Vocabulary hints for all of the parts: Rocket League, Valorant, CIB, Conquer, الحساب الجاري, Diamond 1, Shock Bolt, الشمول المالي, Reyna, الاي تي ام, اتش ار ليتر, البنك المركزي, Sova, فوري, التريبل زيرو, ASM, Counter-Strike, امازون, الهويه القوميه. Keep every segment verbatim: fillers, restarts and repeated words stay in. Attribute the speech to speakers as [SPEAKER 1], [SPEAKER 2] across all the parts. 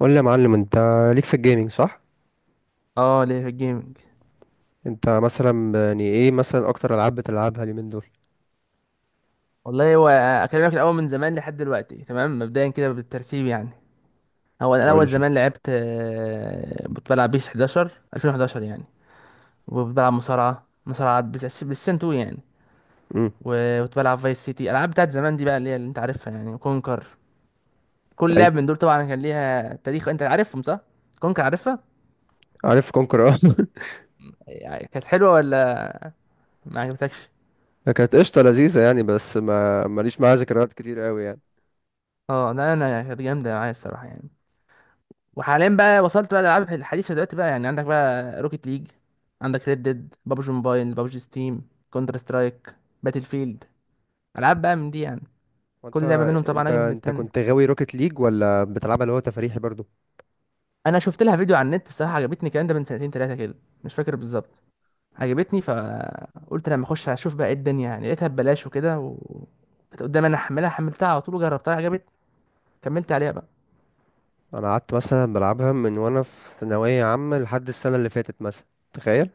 [SPEAKER 1] قول لي يا معلم، انت ليك في الجيمنج صح؟
[SPEAKER 2] اه ليه في الجيمنج؟
[SPEAKER 1] انت مثلا يعني ايه مثلا اكتر العاب بتلعبها اليومين دول؟
[SPEAKER 2] والله هو اكلمك الاول من زمان لحد دلوقتي، تمام. مبدئيا كده بالترتيب يعني، هو انا
[SPEAKER 1] قول
[SPEAKER 2] اول
[SPEAKER 1] لي.
[SPEAKER 2] زمان لعبت آه، كنت بلعب بيس إحدى عشر، ألفين وحداشر يعني. وكنت بلعب مصارعه مصارعه بس بس اتنين يعني.
[SPEAKER 1] امم.
[SPEAKER 2] وكنت بلعب فايس سيتي، العاب بتاعت زمان دي بقى اللي هي اللي انت عارفها يعني، كونكر. كل
[SPEAKER 1] ايوه.
[SPEAKER 2] لعب من دول طبعا كان ليها تاريخ، انت عارفهم صح؟ كونكر عارفها.
[SPEAKER 1] عارف كونكر اه.
[SPEAKER 2] يعني كانت حلوة ولا ما عجبتكش؟
[SPEAKER 1] كانت قشطه لذيذه يعني، بس ما ماليش معاها ذكريات كتير قوي يعني.
[SPEAKER 2] اه لا انا كانت جامده معايا الصراحه يعني. وحاليا بقى وصلت بقى للالعاب الحديثه دلوقتي بقى، يعني عندك بقى روكيت ليج، عندك ريد ديد، بابجي موبايل، بابجي ستيم، كونتر سترايك، باتل فيلد، العاب بقى من دي يعني.
[SPEAKER 1] وانت
[SPEAKER 2] كل لعبه منهم طبعا
[SPEAKER 1] انت
[SPEAKER 2] اجمل من
[SPEAKER 1] انت
[SPEAKER 2] التانيه.
[SPEAKER 1] كنت غاوي روكيت ليج، ولا بتلعبها اللي هو تفريحي برضو؟
[SPEAKER 2] انا شفت لها فيديو على النت الصراحه، عجبتني، الكلام ده من سنتين ثلاثه كده، مش فاكر بالظبط. عجبتني فقلت لما اخش اشوف بقى ايه الدنيا يعني، لقيتها ببلاش وكده، و كانت قدامي، انا احملها، حملتها على طول وجربتها، عجبتني، كملت عليها بقى.
[SPEAKER 1] انا قعدت مثلا بلعبها من وانا في ثانويه عامه لحد السنه اللي فاتت مثلا، تخيل.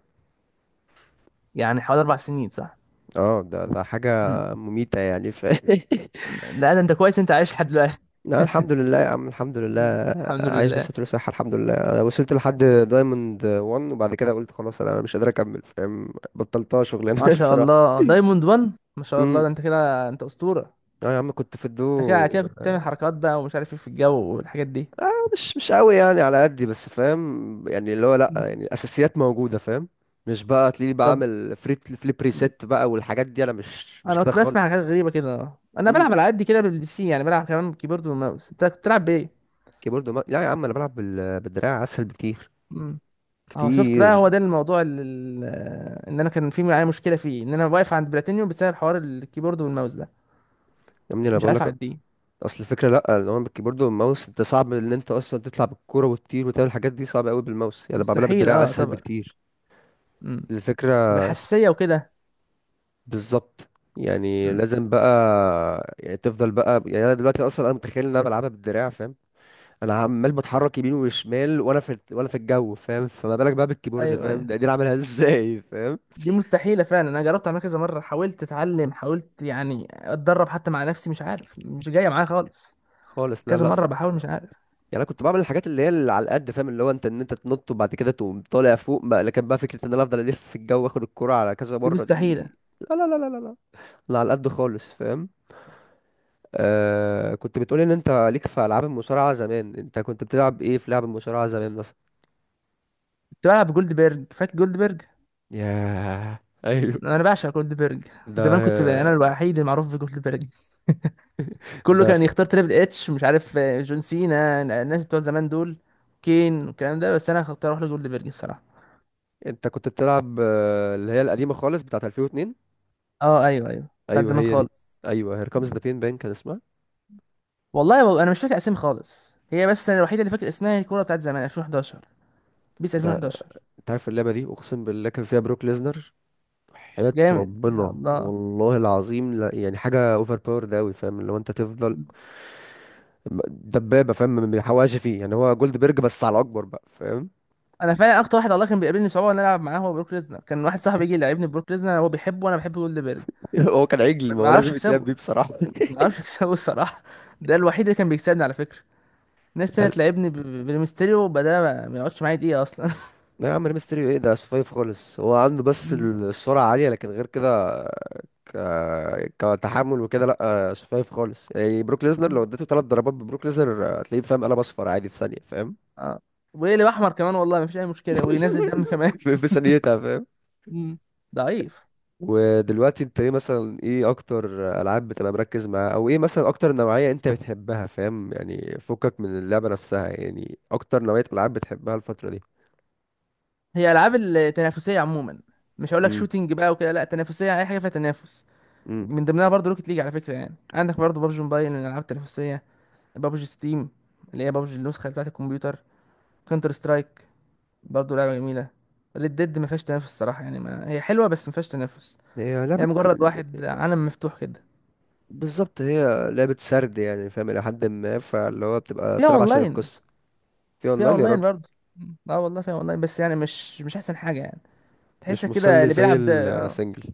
[SPEAKER 2] يعني حوالي اربع سنين صح؟
[SPEAKER 1] اه، ده ده حاجه
[SPEAKER 2] امم.
[SPEAKER 1] مميته يعني ف
[SPEAKER 2] لا ده انت كويس، انت عايش لحد دلوقتي.
[SPEAKER 1] لا الحمد لله يا عم، الحمد لله.
[SPEAKER 2] مم. الحمد
[SPEAKER 1] عايش
[SPEAKER 2] لله.
[SPEAKER 1] بالستر وصحة الحمد لله. أنا وصلت لحد دايموند واحد، وبعد كده قلت خلاص انا مش قادر اكمل فاهم، بطلتها
[SPEAKER 2] ما
[SPEAKER 1] شغلانه
[SPEAKER 2] شاء
[SPEAKER 1] بصراحه.
[SPEAKER 2] الله، دايموند ون، ما شاء الله،
[SPEAKER 1] امم.
[SPEAKER 2] ده انت كده انت اسطوره.
[SPEAKER 1] اه يا عم، كنت في
[SPEAKER 2] انت كده
[SPEAKER 1] الدو.
[SPEAKER 2] على كده كنت بتعمل حركات بقى ومش عارف ايه في الجو والحاجات دي.
[SPEAKER 1] آه، مش مش قوي يعني، على قدي بس فاهم يعني، اللي هو لا
[SPEAKER 2] مم.
[SPEAKER 1] يعني الاساسيات موجوده فاهم. مش بقى تلاقيني
[SPEAKER 2] طب
[SPEAKER 1] بعمل فريت فليب ريسيت بقى والحاجات دي، انا مش مش
[SPEAKER 2] انا
[SPEAKER 1] كده
[SPEAKER 2] كنت بسمع
[SPEAKER 1] خالص.
[SPEAKER 2] حاجات غريبه كده، انا
[SPEAKER 1] امم.
[SPEAKER 2] بلعب على قد كده بالبي سي، يعني بلعب كمان كيبورد وماوس، انت كنت بتلعب بايه؟
[SPEAKER 1] كيبورد ما... لا يا عم، انا بلعب بال... بالدراع، اسهل بكتير
[SPEAKER 2] امم. اه شفت بقى،
[SPEAKER 1] كتير.
[SPEAKER 2] هو ده الموضوع اللي ان انا كان في معايا مشكله فيه، ان انا واقف عند بلاتينيوم بسبب حوار الكيبورد والماوس ده،
[SPEAKER 1] يا ابني انا
[SPEAKER 2] مش
[SPEAKER 1] بقول
[SPEAKER 2] عارف
[SPEAKER 1] لك،
[SPEAKER 2] اعديه.
[SPEAKER 1] اصل الفكره لا اللي هو بالكيبورد والماوس، انت صعب ان انت اصلا تطلع بالكوره وتطير وتعمل الحاجات دي، صعبه قوي بالماوس يعني، بعملها
[SPEAKER 2] مستحيل
[SPEAKER 1] بالدراع
[SPEAKER 2] اه
[SPEAKER 1] اسهل
[SPEAKER 2] اعتبر.
[SPEAKER 1] بكتير.
[SPEAKER 2] امم. طب
[SPEAKER 1] الفكره س-
[SPEAKER 2] الحساسيه وكده.
[SPEAKER 1] بالظبط. يعني
[SPEAKER 2] امم.
[SPEAKER 1] لازم بقى يعني تفضل بقى يعني، انا دلوقتي اصلا انا متخيل ان انا بلعبها بالدراع فاهم. انا عمال بتحرك يمين وشمال وانا في وانا في الجو فاهم، فما بالك بقى بالكيبورد
[SPEAKER 2] ايوه
[SPEAKER 1] فاهم؟ ده
[SPEAKER 2] ايوه،
[SPEAKER 1] قاعدين اعملها ازاي فاهم؟
[SPEAKER 2] دي مستحيلة فعلا، أنا جربت أعملها كذا مرة، حاولت أتعلم، حاولت يعني أتدرب حتى مع نفسي، مش عارف، مش جاية معايا خالص.
[SPEAKER 1] خالص لا
[SPEAKER 2] كذا
[SPEAKER 1] لا.
[SPEAKER 2] مرة بحاول مش عارف.
[SPEAKER 1] يعني انا كنت بعمل الحاجات اللي هي اللي على القد فاهم، اللي هو انت ان انت تنط وبعد كده تقوم طالع فوق بقى، لكن بقى فكره ان انا افضل الف في الجو واخد الكرة على كذا
[SPEAKER 2] دي
[SPEAKER 1] مره دي،
[SPEAKER 2] مستحيلة.
[SPEAKER 1] لا لا لا لا لا لا. أنا على القد خالص فاهم. آه، كنت بتقولي ان انت ليك في العاب المصارعه زمان، انت كنت بتلعب ايه في لعب المصارعه زمان مثلا؟
[SPEAKER 2] كنت بلعب جولد بيرج، فاكر جولد بيرج؟
[SPEAKER 1] ياه ايوه.
[SPEAKER 2] أنا بعشق جولد بيرج.
[SPEAKER 1] ده
[SPEAKER 2] زمان كنت بقى أنا الوحيد المعروف في جولد بيرج. كله
[SPEAKER 1] ده
[SPEAKER 2] كان
[SPEAKER 1] س-
[SPEAKER 2] يختار تريبل اتش، مش عارف آه، جون سينا، الناس بتوع زمان دول، كين والكلام ده، بس أنا كنت أروح لجولد بيرج الصراحة.
[SPEAKER 1] انت كنت بتلعب آه، اللي هي القديمه خالص بتاعه ألفين واثنين؟
[SPEAKER 2] أه أيوه أيوه، بتاعت
[SPEAKER 1] ايوه
[SPEAKER 2] زمان
[SPEAKER 1] هي دي.
[SPEAKER 2] خالص.
[SPEAKER 1] ايوه، هير كامز ذا بين بان كان اسمها.
[SPEAKER 2] والله ب- أنا مش فاكر أسامي خالص هي، بس أنا الوحيدة اللي فاكر اسمها، الكورة بتاعت زمان ألفين واحد عشر، بيس
[SPEAKER 1] ده
[SPEAKER 2] ألفين وحداشر.
[SPEAKER 1] انت عارف اللعبه دي اقسم بالله كان فيها بروك ليزنر، حياة
[SPEAKER 2] جامد يا
[SPEAKER 1] ربنا
[SPEAKER 2] الله.
[SPEAKER 1] والله العظيم، لا يعني حاجة اوفر باور ده قوي فاهم، اللي هو انت تفضل دبابة فاهم، ما بيحوقش فيه، يعني هو جولد بيرج بس على اكبر بقى فاهم.
[SPEAKER 2] انا فعلا اكتر واحد الله كان بيقابلني صعوبه ان انا العب معاه هو بروك ليزنر، كان واحد صاحبي يجي يلعبني بروك ليزنر، هو بيحبه وانا بحب جولدبرج.
[SPEAKER 1] هو كان عجل،
[SPEAKER 2] ما
[SPEAKER 1] ما
[SPEAKER 2] ما
[SPEAKER 1] هو
[SPEAKER 2] اعرفش
[SPEAKER 1] لازم يتلعب
[SPEAKER 2] اكسبه.
[SPEAKER 1] بيه بصراحة.
[SPEAKER 2] ما اعرفش اكسبه الصراحه. ده الوحيد اللي كان بيكسبني على فكره. ناس تانية
[SPEAKER 1] لا
[SPEAKER 2] تلعبني ب- ب- بالميستيريو بدأ، ما ما يقعدش معايا دقيقه اصلا.
[SPEAKER 1] لا يا عم، ميستريو ايه ده؟ سفايف خالص، هو عنده بس
[SPEAKER 2] مم.
[SPEAKER 1] السرعة عالية، لكن غير كده ك... كتحمل وكده لا سفايف خالص. يعني بروك ليزنر لو
[SPEAKER 2] مم.
[SPEAKER 1] اديته ثلاث ضربات ببروك ليزنر هتلاقيه فاهم قلب اصفر عادي في ثانية فاهم.
[SPEAKER 2] اه، ويقلب احمر كمان، والله ما فيش اي مشكله، وينزل دم كمان.
[SPEAKER 1] في في ثانيتها فاهم.
[SPEAKER 2] مم. ضعيف.
[SPEAKER 1] ودلوقتي انت ايه مثلا، ايه اكتر العاب بتبقى مركز معاها، او ايه مثلا اكتر نوعية انت بتحبها فاهم، يعني فكك من اللعبة نفسها، يعني اكتر نوعية العاب بتحبها الفترة دي؟
[SPEAKER 2] هي العاب التنافسيه عموما، مش هقول لك
[SPEAKER 1] امم.
[SPEAKER 2] شوتينج بقى وكده، لا، تنافسيه، اي حاجه فيها تنافس.
[SPEAKER 1] امم.
[SPEAKER 2] من ضمنها برضه روكيت ليج على فكره، يعني عندك برضه بابجي موبايل من الالعاب التنافسيه، بابجي ستيم اللي هي بابجي النسخه بتاعه الكمبيوتر، كونتر سترايك برضه لعبه جميله. ريد ديد ما فيهاش تنافس الصراحه، يعني ما هي حلوه بس ما فيهاش تنافس،
[SPEAKER 1] هي
[SPEAKER 2] هي
[SPEAKER 1] لعبة ك-
[SPEAKER 2] مجرد واحد عالم مفتوح كده.
[SPEAKER 1] بالظبط، هي لعبة سرد يعني فاهم الى حد ما، فاللي هو بتبقى
[SPEAKER 2] فيها
[SPEAKER 1] تلعب عشان
[SPEAKER 2] اونلاين.
[SPEAKER 1] القصة. في
[SPEAKER 2] فيها
[SPEAKER 1] اونلاين يا
[SPEAKER 2] اونلاين
[SPEAKER 1] راجل.
[SPEAKER 2] برضه. اه والله فيها اونلاين، بس يعني مش مش احسن حاجه يعني. تحس
[SPEAKER 1] مش
[SPEAKER 2] كده
[SPEAKER 1] مسلي
[SPEAKER 2] اللي
[SPEAKER 1] زي
[SPEAKER 2] بيلعب ده آه،
[SPEAKER 1] السنجل.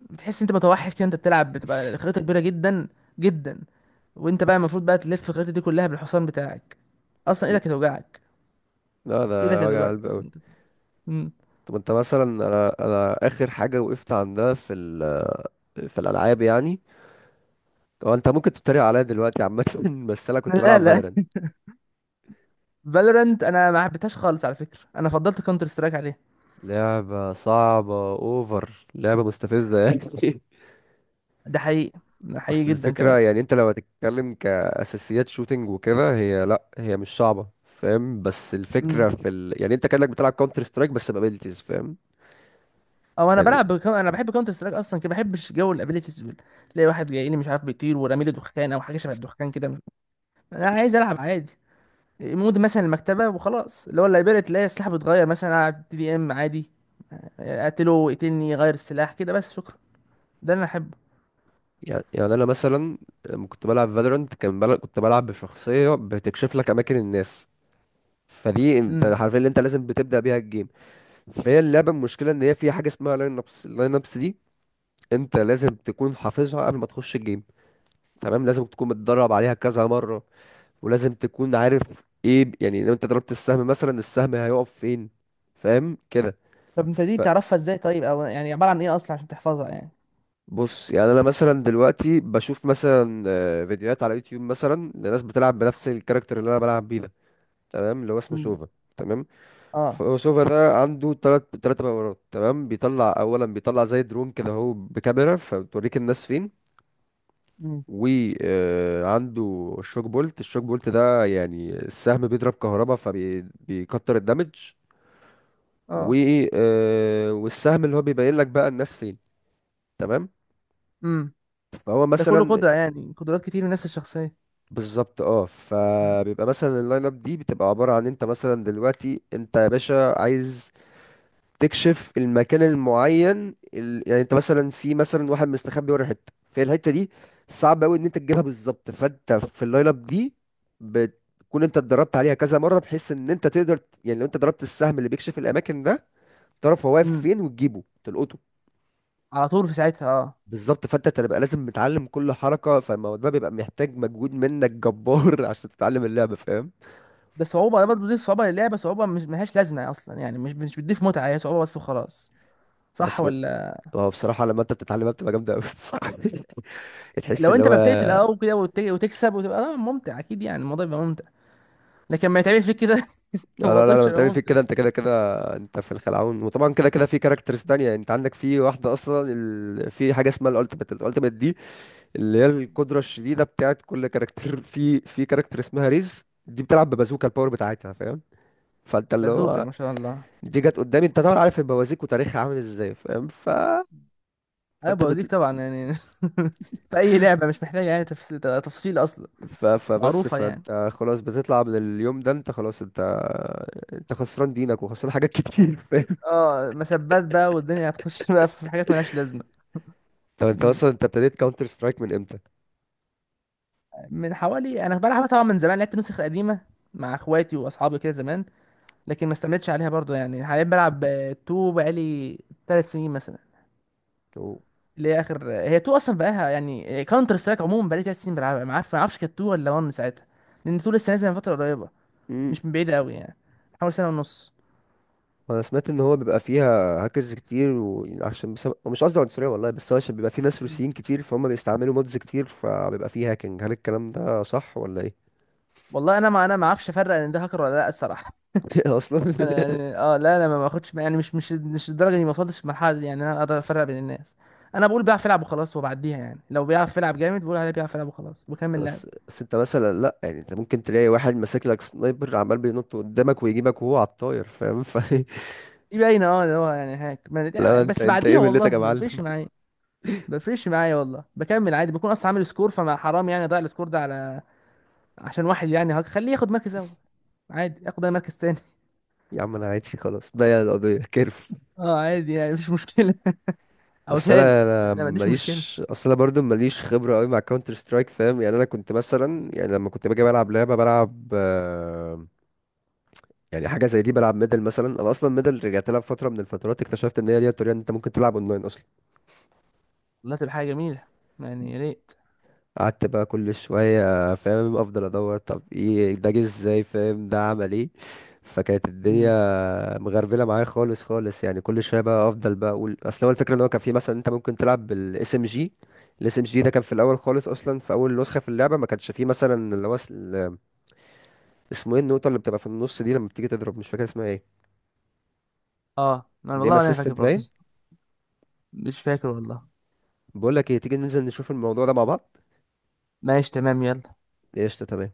[SPEAKER 2] بتحس انت متوحد كده، انت بتلعب بتبقى خريطه كبيره جدا جدا، وانت بقى المفروض بقى تلف الخريطه دي كلها بالحصان بتاعك، اصلا
[SPEAKER 1] مم.
[SPEAKER 2] ايدك هتوجعك.
[SPEAKER 1] لا
[SPEAKER 2] ايدك
[SPEAKER 1] ده وجع
[SPEAKER 2] هتوجعك
[SPEAKER 1] قلب قوي.
[SPEAKER 2] اصلا انت. مم.
[SPEAKER 1] طب انت مثلا، انا انا اخر حاجة وقفت عندها في ال... في الالعاب يعني، هو انت ممكن تتريق عليا دلوقتي عامة بس انا كنت
[SPEAKER 2] لا
[SPEAKER 1] بلعب
[SPEAKER 2] لا،
[SPEAKER 1] فالورنت.
[SPEAKER 2] فالورنت انا ما حبيتهاش خالص على فكره، انا فضلت كونتر سترايك عليها.
[SPEAKER 1] لعبة صعبة اوفر، لعبة مستفزة يعني
[SPEAKER 2] ده حقيقي، ده حقيقي
[SPEAKER 1] اصل
[SPEAKER 2] جدا كمان.
[SPEAKER 1] الفكرة يعني، انت لو هتتكلم كأساسيات شوتينج وكده، هي لا هي مش صعبة فاهم، بس
[SPEAKER 2] امم.
[SPEAKER 1] الفكرة في ال... يعني انت كأنك بتلعب كاونتر سترايك بس بابيلتيز فاهم.
[SPEAKER 2] او انا
[SPEAKER 1] يعني
[SPEAKER 2] بلعب بكو... انا بحب كونتر سترايك اصلا كده، ما بحبش جو الابيليتيز دول. تلاقي واحد جاي لي مش عارف بيطير، ورامي لي دخان او حاجه شبه الدخان كده، انا عايز العب عادي. مود مثلا المكتبه وخلاص، اللي هو اللايبرري، تلاقي السلاح بيتغير مثلا على دي دي ام عادي، اقتله يقتلني غير السلاح كده بس، شكرا، ده اللي انا احبه.
[SPEAKER 1] يعني يعني انا مثلا لما كنت بلعب فالورنت، كان بل... كنت بلعب بشخصية بتكشف لك اماكن الناس، فدي انت
[SPEAKER 2] امم.
[SPEAKER 1] عارفين اللي انت لازم بتبدأ بيها الجيم. فهي اللعبة المشكلة ان هي فيها حاجة اسمها لاين ابس، اللاين ابس دي انت لازم تكون حافظها قبل ما تخش الجيم، تمام؟ لازم تكون متدرب عليها كذا مرة، ولازم تكون عارف ايه ب- يعني لو انت ضربت السهم مثلا، السهم هيقف فين فاهم كده.
[SPEAKER 2] طب انت دي بتعرفها ازاي طيب؟ او يعني عباره عن ايه اصلا عشان تحفظها يعني؟
[SPEAKER 1] فبص يعني انا مثلا دلوقتي بشوف مثلا آه، فيديوهات على يوتيوب مثلا لناس بتلعب بنفس الكاركتر اللي انا بلعب بيه ده، تمام؟ اللي هو اسمه
[SPEAKER 2] امم.
[SPEAKER 1] سوفا، تمام.
[SPEAKER 2] اه.
[SPEAKER 1] فسوفا ده عنده تلات تلات باورات، تمام؟ بيطلع اولا، بيطلع زي درون كده اهو بكاميرا، فبتوريك الناس فين.
[SPEAKER 2] مم.
[SPEAKER 1] وعنده الشوك بولت، الشوك بولت ده يعني السهم بيضرب كهربا فبيكتر الدمج. و
[SPEAKER 2] اه.
[SPEAKER 1] آه، والسهم اللي هو بيبين لك بقى الناس فين، تمام.
[SPEAKER 2] امم.
[SPEAKER 1] فهو
[SPEAKER 2] ده كله
[SPEAKER 1] مثلا
[SPEAKER 2] قدرة يعني، قدرات كتير من نفس الشخصية.
[SPEAKER 1] بالظبط اه،
[SPEAKER 2] مم.
[SPEAKER 1] فبيبقى مثلا اللاين اب دي بتبقى عباره عن انت مثلا دلوقتي، انت يا باشا عايز تكشف المكان المعين ال... يعني انت مثلا في مثلا واحد مستخبي ورا حته في الحته دي، صعب قوي ان انت تجيبها بالظبط، فانت في اللايل اب دي بتكون انت اتدربت عليها كذا مره بحيث ان انت تقدر، يعني لو انت ضربت السهم اللي بيكشف الاماكن ده، تعرف هو واقف
[SPEAKER 2] مم.
[SPEAKER 1] فين وتجيبه تلقطه.
[SPEAKER 2] على طول في ساعتها اه.
[SPEAKER 1] بالظبط. فانت تبقى لازم متعلم كل حركه، فالموضوع ده بيبقى محتاج مجهود منك جبار عشان تتعلم اللعبه فاهم.
[SPEAKER 2] ده صعوبة، ده برضه دي صعوبة للعبة، صعوبة مش ملهاش لازمة أصلا يعني، مش مش بتضيف متعة، هي صعوبة بس وخلاص. صح
[SPEAKER 1] بس بقول-
[SPEAKER 2] ولا؟
[SPEAKER 1] هو بصراحه لما انت بتتعلمها بتبقى جامده قوي بصراحه، تحس
[SPEAKER 2] لو
[SPEAKER 1] اللي
[SPEAKER 2] أنت
[SPEAKER 1] هو.
[SPEAKER 2] ما بتقتل أو كده وت- وتكسب وتبقى آه ممتع، أكيد يعني الموضوع يبقى ممتع. لكن ما يتعمل فيك كده
[SPEAKER 1] لا لا
[SPEAKER 2] الموضوع
[SPEAKER 1] لا، لما
[SPEAKER 2] مش هيبقى
[SPEAKER 1] بتعمل فيك
[SPEAKER 2] ممتع.
[SPEAKER 1] كده انت كده كده انت في الخلعون. وطبعا كده كده في كاركترز تانية، يعني انت عندك في واحدة اصلا ال... في حاجة اسمها الالتيميت، الالتيميت دي اللي هي القدرة الشديدة بتاعت كل كاركتر. في في كاركتر اسمها ريز دي بتلعب ببازوكا الباور بتاعتها فاهم. فانت اللي
[SPEAKER 2] بازوكا،
[SPEAKER 1] هو
[SPEAKER 2] ما شاء الله.
[SPEAKER 1] دي جت قدامي، انت طبعا عارف البوازيك وتاريخها عامل ازاي فاهم. ف
[SPEAKER 2] أنا
[SPEAKER 1] فانت
[SPEAKER 2] بوزيك
[SPEAKER 1] بت...
[SPEAKER 2] طبعا يعني في أي لعبة مش محتاجة يعني تفصيل تفصيل أصلا،
[SPEAKER 1] ف... فبس
[SPEAKER 2] معروفة يعني.
[SPEAKER 1] فانت خلاص بتطلع من اليوم ده، انت خلاص انت، انت خسران دينك وخسران حاجات كتير فاهم.
[SPEAKER 2] اه، مسبات بقى والدنيا هتخش بقى في حاجات ملهاش لازمة.
[SPEAKER 1] طب انت
[SPEAKER 2] مم.
[SPEAKER 1] اصلا انت ابتديت كاونتر سترايك من امتى؟
[SPEAKER 2] من حوالي، انا بلعبها طبعا من زمان، لعبت نسخ قديمه مع اخواتي واصحابي كده زمان، لكن ما استمتش عليها برضو يعني. حاليا بلعب اتنين بقالي 3 سنين مثلا، اللي هي اخر، هي اتنين اصلا بقالها، يعني كاونتر سترايك عموما بقالي 3 سنين بلعبها، ما عارف ما اعرفش كانت اتنين ولا واحد ساعتها، لان اتنين لسه نازله من فتره قريبه،
[SPEAKER 1] مم.
[SPEAKER 2] مش من بعيد قوي يعني، حوالي سنه ونص.
[SPEAKER 1] انا سمعت ان هو بيبقى فيها هاكرز كتير، وعشان بسبب، مش قصدي عنصريه والله، بس هو عشان بيبقى فيه ناس
[SPEAKER 2] مم.
[SPEAKER 1] روسيين كتير فهم بيستعملوا مودز كتير فبيبقى فيه هاكينج، هل الكلام ده صح ولا ايه؟
[SPEAKER 2] والله انا ما انا ما اعرفش افرق ان ده هاكر ولا لا الصراحه.
[SPEAKER 1] اصلا
[SPEAKER 2] انا يعني اه لا انا ما باخدش يعني مش مش مش الدرجه دي، ما وصلتش المرحله دي يعني، انا اقدر افرق بين الناس. انا بقول بيعرف يلعب وخلاص، وبعديها يعني لو بيعرف يلعب جامد بقول عليه بيعرف يلعب وخلاص، وبكمل لعب.
[SPEAKER 1] بس بس انت مثلا لا يعني، انت ممكن تلاقي واحد ماسك لك سنايبر عمال بينط قدامك ويجيبك وهو على الطاير فاهم ف
[SPEAKER 2] دي باينه اه، اللي هو يعني هاك
[SPEAKER 1] لو
[SPEAKER 2] ما-
[SPEAKER 1] انت
[SPEAKER 2] بس
[SPEAKER 1] انت
[SPEAKER 2] بعديها
[SPEAKER 1] ايه ملتك
[SPEAKER 2] والله
[SPEAKER 1] يا
[SPEAKER 2] ما
[SPEAKER 1] معلم؟
[SPEAKER 2] بيفرقش معايا. ما بيفرقش معايا والله، بكمل عادي، بكون اصلا عامل سكور، فما حرام يعني اضيع السكور ده على عشان واحد يعني هاك، خليه ياخد مركز اول عادي، ياخد اي مركز تاني
[SPEAKER 1] يا عم انا عادي خلاص بقى، القضيه كيرف.
[SPEAKER 2] اه عادي يعني مفيش مشكله. او
[SPEAKER 1] بس انا
[SPEAKER 2] تالت، انا
[SPEAKER 1] انا
[SPEAKER 2] ما عنديش مشكله.
[SPEAKER 1] ماليش، اصل انا برضو ماليش خبره قوي مع كاونتر سترايك فاهم. يعني انا كنت مثلا يعني لما كنت باجي بلعب لعبه، بلعب آه، يعني حاجه زي دي، بلعب ميدل مثلا. انا اصلا ميدل رجعت لها فتره من الفترات، اكتشفت ان هي دي الطريقه ان انت ممكن تلعب اونلاين اصلا.
[SPEAKER 2] والله تبقى حاجه جميله يعني، يا ريت.
[SPEAKER 1] قعدت بقى كل شوية فاهم افضل ادور، طب ايه ده، جه ازاي فاهم، ده عمل ايه؟ فكانت
[SPEAKER 2] مم.
[SPEAKER 1] الدنيا مغربلة معايا خالص خالص، يعني كل شوية بقى افضل بقى اقول، اصل هو الفكرة ان هو كان في مثلا، انت ممكن تلعب بالاس ام جي. الاس ام جي ده كان في الاول خالص، اصلا في اول نسخة في اللعبة ما كانش فيه مثلا اللي هو اس- ال- اسمه ايه النقطة اللي بتبقى في النص دي لما بتيجي تضرب، مش فاكر اسمها ايه.
[SPEAKER 2] اه ما
[SPEAKER 1] نيم
[SPEAKER 2] والله انا فاكر
[SPEAKER 1] اسيستنت
[SPEAKER 2] برضه.
[SPEAKER 1] باين.
[SPEAKER 2] مش فاكر والله.
[SPEAKER 1] بقول لك ايه، تيجي ننزل نشوف الموضوع ده مع بعض؟
[SPEAKER 2] ماشي تمام يلا.
[SPEAKER 1] قشطة تمام.